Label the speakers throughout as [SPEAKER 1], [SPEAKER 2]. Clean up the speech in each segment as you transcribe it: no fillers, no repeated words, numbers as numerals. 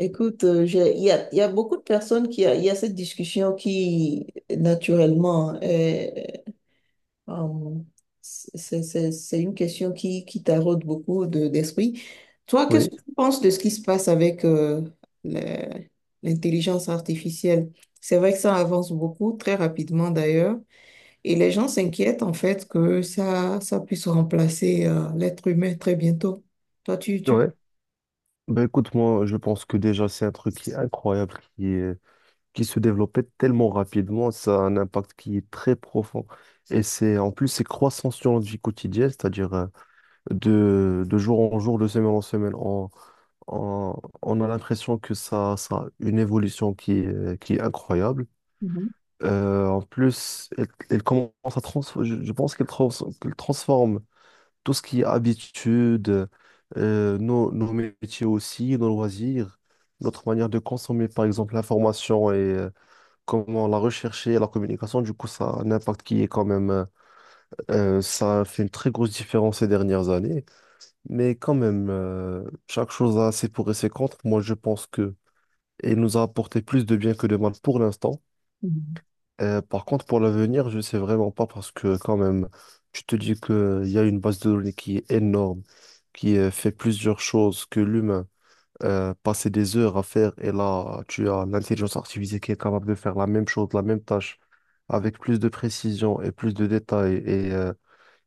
[SPEAKER 1] Écoute, il y a beaucoup de personnes il y a cette discussion qui, naturellement, euh, c'est une question qui taraude beaucoup d'esprit. Toi, qu'est-ce
[SPEAKER 2] Oui,
[SPEAKER 1] que tu penses de ce qui se passe avec le- l'intelligence artificielle? C'est vrai que ça avance beaucoup, très rapidement d'ailleurs. Et les gens s'inquiètent en fait que ça puisse remplacer l'être humain très bientôt. Toi, tu.
[SPEAKER 2] ouais. Ben écoute, moi, je pense que déjà, c'est un truc qui est incroyable, qui se développait tellement rapidement. Ça a un impact qui est très profond. Et c'est, en plus, c'est croissant sur notre vie quotidienne, c'est-à-dire de jour en jour, de semaine en semaine. On, on a l'impression que ça a une évolution qui est incroyable.
[SPEAKER 1] Mhm,
[SPEAKER 2] En plus, elle commence à transformer, je pense qu'elle transforme tout ce qui est habitude, nos métiers aussi, nos loisirs, notre manière de consommer, par exemple, l'information et comment la rechercher, la communication, du coup, ça a un impact qui est quand même, ça a fait une très grosse différence ces dernières années. Mais quand même, chaque chose a ses pour et ses contre. Moi, je pense que elle nous a apporté plus de bien que de mal pour l'instant.
[SPEAKER 1] mhm,
[SPEAKER 2] Par contre, pour l'avenir, je sais vraiment pas parce que quand même, tu te dis qu'il y a une base de données qui est énorme, qui fait plusieurs choses que l'humain passait des heures à faire et là, tu as l'intelligence artificielle qui est capable de faire la même chose, la même tâche, avec plus de précision et plus de détails et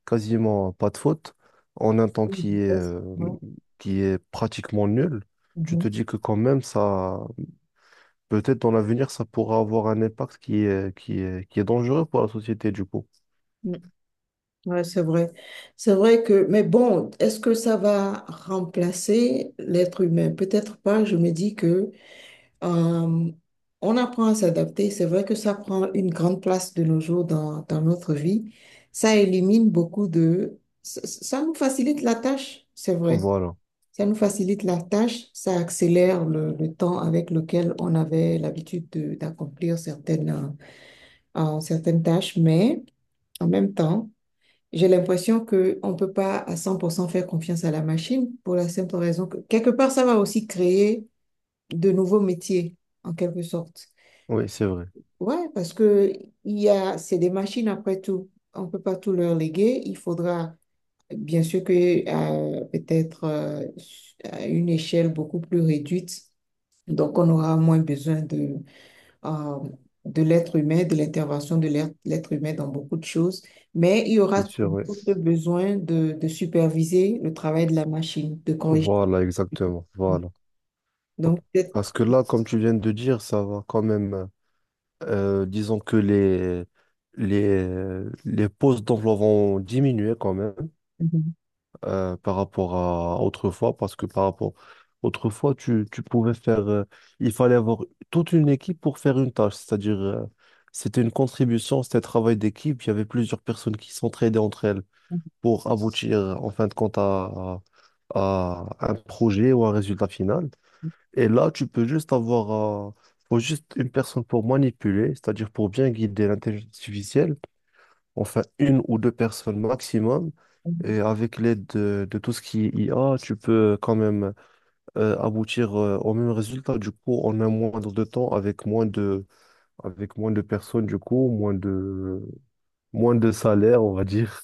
[SPEAKER 2] quasiment pas de faute, en un temps
[SPEAKER 1] mhm, yes, ouais,
[SPEAKER 2] qui est pratiquement nul. Tu te dis que quand même, ça, peut-être dans l'avenir, ça pourra avoir un impact qui est dangereux pour la société, du coup.
[SPEAKER 1] mhm. Ouais, c'est vrai. C'est vrai que, mais bon, est-ce que ça va remplacer l'être humain? Peut-être pas. Je me dis que euh, on apprend à s'adapter. C'est vrai que ça prend une grande place de nos jours dans notre vie. Ça élimine beaucoup de. Ça nous facilite la tâche, c'est vrai.
[SPEAKER 2] Voilà.
[SPEAKER 1] Ça nous facilite la tâche. Ça accélère le temps avec lequel on avait l'habitude d'accomplir certaines tâches. Mais en même temps. J'ai l'impression qu'on ne peut pas à 100% faire confiance à la machine pour la simple raison que quelque part, ça va aussi créer de nouveaux métiers, en quelque sorte.
[SPEAKER 2] Oui, c'est vrai.
[SPEAKER 1] Ouais, parce que c'est des machines après tout. On ne peut pas tout leur léguer. Il faudra, bien sûr que peut-être à une échelle beaucoup plus réduite, donc on aura moins besoin euh, de l'être humain, de l'intervention de l'être humain dans beaucoup de choses, mais il y aura
[SPEAKER 2] C'est sûr, oui.
[SPEAKER 1] toujours ce besoin de superviser le travail de la machine, de corriger.
[SPEAKER 2] Voilà, exactement. Voilà. Donc,
[SPEAKER 1] Donc,
[SPEAKER 2] parce que là, comme tu viens de dire, ça va quand même. Disons que les postes d'emploi vont diminuer quand même.
[SPEAKER 1] Mhm.
[SPEAKER 2] Par rapport à autrefois, parce que par rapport autrefois, tu pouvais faire, il fallait avoir toute une équipe pour faire une tâche, c'est-à-dire c'était une contribution, c'était un travail d'équipe, il y avait plusieurs personnes qui s'entraidaient entre elles pour aboutir en fin de compte à un projet ou un résultat final. Et là, tu peux juste avoir, faut juste une personne pour manipuler, c'est-à-dire pour bien guider l'intelligence artificielle, enfin une ou deux personnes maximum. Et avec l'aide de tout ce qui est IA, tu peux quand même aboutir au même résultat, du coup, en un moindre de temps, avec moins de personnes, du coup, moins de salaire, on va dire.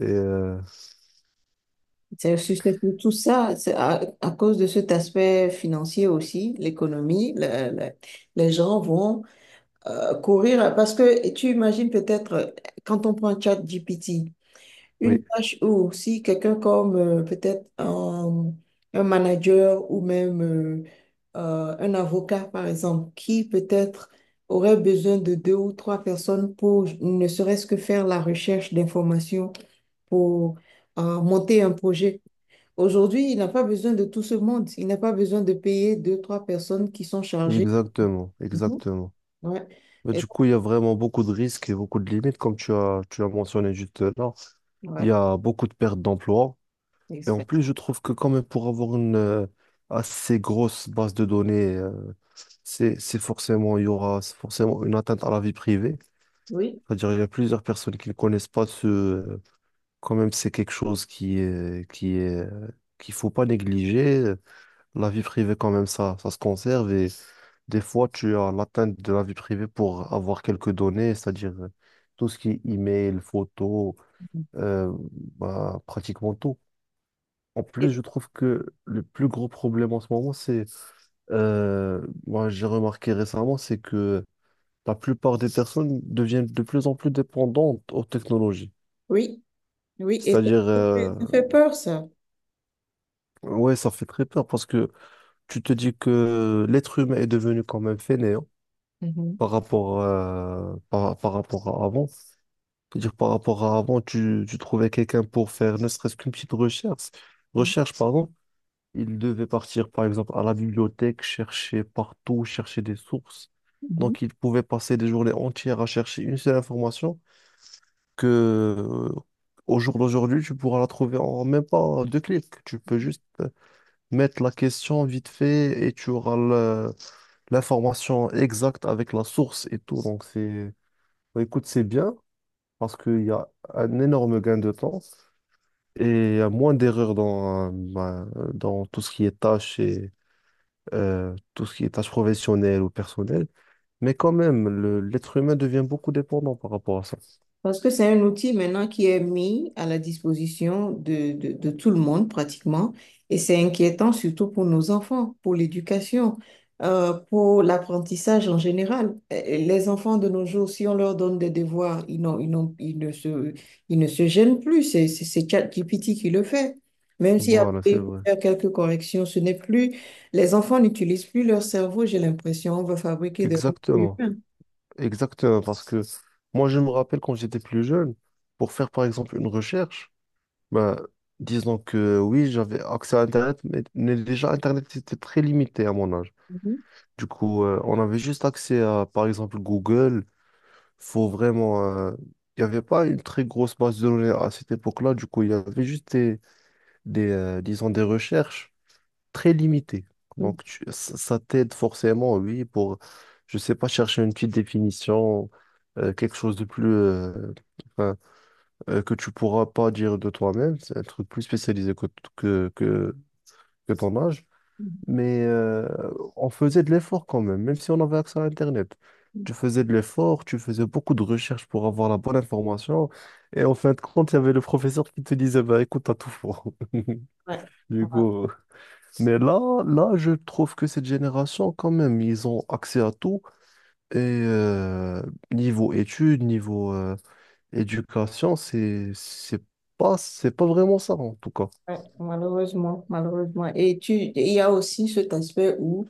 [SPEAKER 2] Et,
[SPEAKER 1] c'est surtout ça, c'est à cause de cet aspect financier aussi, l'économie, les gens vont courir parce que tu imagines peut-être quand on prend ChatGPT. Une
[SPEAKER 2] oui,
[SPEAKER 1] tâche ou si quelqu'un comme peut-être un manager ou même un avocat, par exemple, qui peut-être aurait besoin de deux ou trois personnes pour ne serait-ce que faire la recherche d'informations pour monter un projet. Aujourd'hui, il n'a pas besoin de tout ce monde. Il n'a pas besoin de payer deux, trois personnes qui sont chargées.
[SPEAKER 2] exactement,
[SPEAKER 1] Mhm.
[SPEAKER 2] exactement.
[SPEAKER 1] Ouais.
[SPEAKER 2] Mais
[SPEAKER 1] Et,
[SPEAKER 2] du coup, il y a vraiment beaucoup de risques et beaucoup de limites, comme tu as mentionné juste là.
[SPEAKER 1] donc,
[SPEAKER 2] Il y
[SPEAKER 1] ouais.
[SPEAKER 2] a beaucoup de pertes d'emplois.
[SPEAKER 1] Et
[SPEAKER 2] Et en
[SPEAKER 1] fait.
[SPEAKER 2] plus, je trouve que quand même pour avoir une assez grosse base de données, c'est forcément, il y aura forcément une atteinte à la vie privée.
[SPEAKER 1] Oui.
[SPEAKER 2] C'est-à-dire, il y a plusieurs personnes qui ne connaissent pas ce, quand même, c'est quelque chose qu'il faut pas négliger. La vie privée, quand même, ça se conserve et des fois, tu as l'atteinte de la vie privée pour avoir quelques données, c'est-à-dire tout ce qui est email, photo, euh, bah, pratiquement tout. En plus,
[SPEAKER 1] Et-
[SPEAKER 2] je trouve que le plus gros problème en ce moment, c'est, moi j'ai remarqué récemment, c'est que la plupart des personnes deviennent de plus en plus dépendantes aux technologies.
[SPEAKER 1] oui, oui, et
[SPEAKER 2] C'est-à-dire,
[SPEAKER 1] ça fait peur, ça.
[SPEAKER 2] ouais, ça fait très peur parce que tu te dis que l'être humain est devenu quand même fainéant par rapport, par rapport à avant. C'est-à-dire, par rapport à avant, tu trouvais quelqu'un pour faire ne serait-ce qu'une petite recherche, recherche, pardon. Il devait partir, par exemple, à la bibliothèque, chercher partout, chercher des sources.
[SPEAKER 1] Mhm.
[SPEAKER 2] Donc, il pouvait passer des journées entières à chercher une seule information que, euh, au jour d'aujourd'hui, tu pourras la trouver en même pas deux clics. Tu peux juste mettre la question vite fait et tu auras l'information exacte avec la source et tout. Donc, c'est, bah, écoute, c'est bien parce qu'il y a un énorme gain de temps et il y a moins d'erreurs dans, bah, dans tout ce qui est tâches et tout ce qui est tâches professionnelles ou personnelles. Mais quand même, l'être humain devient beaucoup dépendant par rapport à ça.
[SPEAKER 1] Parce que c'est un outil maintenant qui est mis à la disposition de tout le monde pratiquement, et c'est inquiétant surtout pour nos enfants, pour l'éducation, pour l'apprentissage en général. Les enfants de nos jours, si on leur donne des devoirs, ils ne se gênent plus, c'est ChatGPT qui le fait. Même si après
[SPEAKER 2] Voilà, c'est
[SPEAKER 1] il faut
[SPEAKER 2] vrai.
[SPEAKER 1] faire quelques corrections, ce n'est plus, les enfants n'utilisent plus leur cerveau, j'ai l'impression, on va fabriquer des robots
[SPEAKER 2] Exactement.
[SPEAKER 1] humains.
[SPEAKER 2] Exactement. Parce que moi, je me rappelle quand j'étais plus jeune, pour faire par exemple une recherche, bah, disons que oui, j'avais accès à Internet, mais déjà Internet était très limité à mon âge.
[SPEAKER 1] Mhm.
[SPEAKER 2] Du coup, on avait juste accès à par exemple Google. Faut vraiment. Il n'y avait pas une très grosse base de données à cette époque-là. Du coup, il y avait juste disons, des recherches très limitées. Donc, ça t'aide forcément, oui, pour, je sais pas, chercher une petite définition, quelque chose de plus, enfin, que tu pourras pas dire de toi-même. C'est un truc plus spécialisé que, que, que ton âge. Mais on faisait de l'effort quand même, même si on avait accès à Internet. Tu faisais de l'effort, tu faisais beaucoup de recherches pour avoir la bonne information. Et en fin de compte, il y avait le professeur qui te disait, bah, écoute, t'as tout faux.
[SPEAKER 1] Ouais.
[SPEAKER 2] Du coup, mais là, je trouve que cette génération, quand même, ils ont accès à tout. Et niveau études, niveau éducation, c'est pas vraiment ça, en tout cas.
[SPEAKER 1] Ouais, malheureusement, malheureusement. Et il y a aussi cet aspect où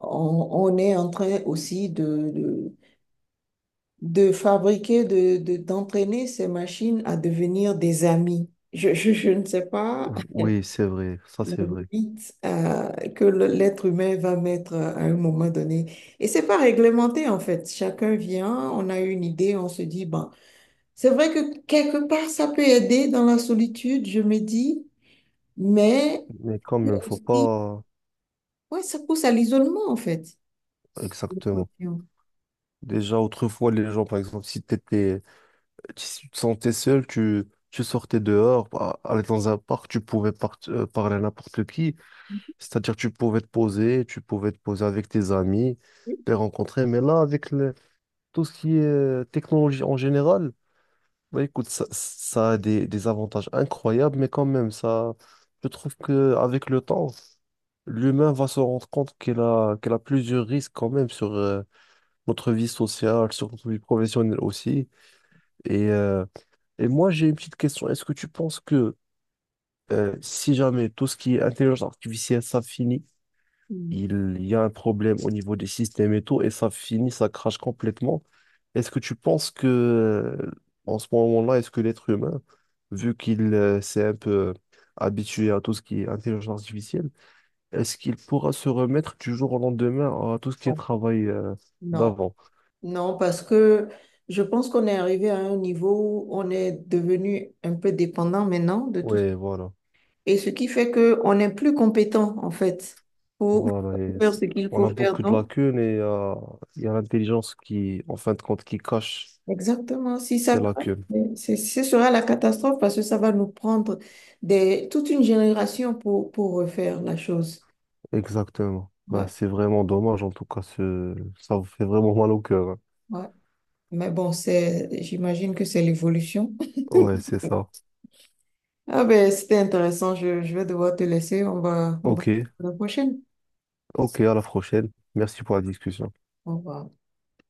[SPEAKER 1] on, on est en train aussi de, de fabriquer, d'entraîner ces machines à devenir des amis. Je ne sais pas
[SPEAKER 2] Oui, c'est vrai, ça
[SPEAKER 1] la
[SPEAKER 2] c'est vrai.
[SPEAKER 1] limite que l'être humain va mettre à un moment donné. Et c'est pas réglementé en fait. Chacun vient, on a une idée, on se dit, bon, c'est vrai que quelque part ça peut aider dans la solitude, je me dis, mais.
[SPEAKER 2] Mais quand même, faut pas
[SPEAKER 1] Oui, ça pousse à l'isolement, en fait. Les
[SPEAKER 2] exactement.
[SPEAKER 1] pressions.
[SPEAKER 2] Déjà, autrefois, les gens, par exemple, si t'étais, si tu te sentais seul, tu sortais dehors, aller dans un parc, tu pouvais parler à n'importe qui. C'est-à-dire tu pouvais te poser, tu pouvais te poser avec tes amis, les rencontrer. Mais là, avec tout ce qui est technologie en général, bah, écoute, ça a des avantages incroyables, mais quand même, ça, je trouve que avec le temps, l'humain va se rendre compte qu'il a plusieurs risques quand même sur notre vie sociale, sur notre vie professionnelle aussi. Et, euh, et moi, j'ai une petite question. Est-ce que tu penses que si jamais tout ce qui est intelligence artificielle, ça finit,
[SPEAKER 1] Mm.
[SPEAKER 2] il y a un problème au niveau des systèmes et tout, et ça finit, ça crache complètement. Est-ce que tu penses que, en ce moment-là, est-ce que l'être humain, vu qu'il s'est un peu habitué à tout ce qui est intelligence artificielle, est-ce qu'il pourra se remettre du jour au lendemain à tout ce qui est
[SPEAKER 1] Bon,
[SPEAKER 2] travail
[SPEAKER 1] non,
[SPEAKER 2] d'avant?
[SPEAKER 1] non, parce que je pense qu'on est arrivé à un niveau où on est devenu un peu dépendant maintenant de tout.
[SPEAKER 2] Oui, voilà.
[SPEAKER 1] Et ce qui fait qu'on n'est plus compétent, en fait, pour
[SPEAKER 2] Voilà,
[SPEAKER 1] faire ce qu'il
[SPEAKER 2] on
[SPEAKER 1] faut
[SPEAKER 2] a
[SPEAKER 1] faire.
[SPEAKER 2] beaucoup de
[SPEAKER 1] Donc,
[SPEAKER 2] lacunes et il y a l'intelligence qui, en fin de compte, qui cache
[SPEAKER 1] exactement, si ça
[SPEAKER 2] ces
[SPEAKER 1] craque,
[SPEAKER 2] lacunes.
[SPEAKER 1] ce sera la catastrophe parce que ça va nous prendre toute une génération pour refaire la chose.
[SPEAKER 2] Exactement. Bah,
[SPEAKER 1] Ouais,
[SPEAKER 2] c'est vraiment dommage, en tout cas, ce... ça vous fait vraiment mal au cœur, hein.
[SPEAKER 1] ouais. Mais bon, j'imagine que c'est l'évolution.
[SPEAKER 2] Ouais, c'est ça.
[SPEAKER 1] Ah ben, c'était intéressant. Je vais devoir te laisser. On va
[SPEAKER 2] Ok,
[SPEAKER 1] à la prochaine.
[SPEAKER 2] ok, à la prochaine. Merci pour la discussion.
[SPEAKER 1] Au revoir.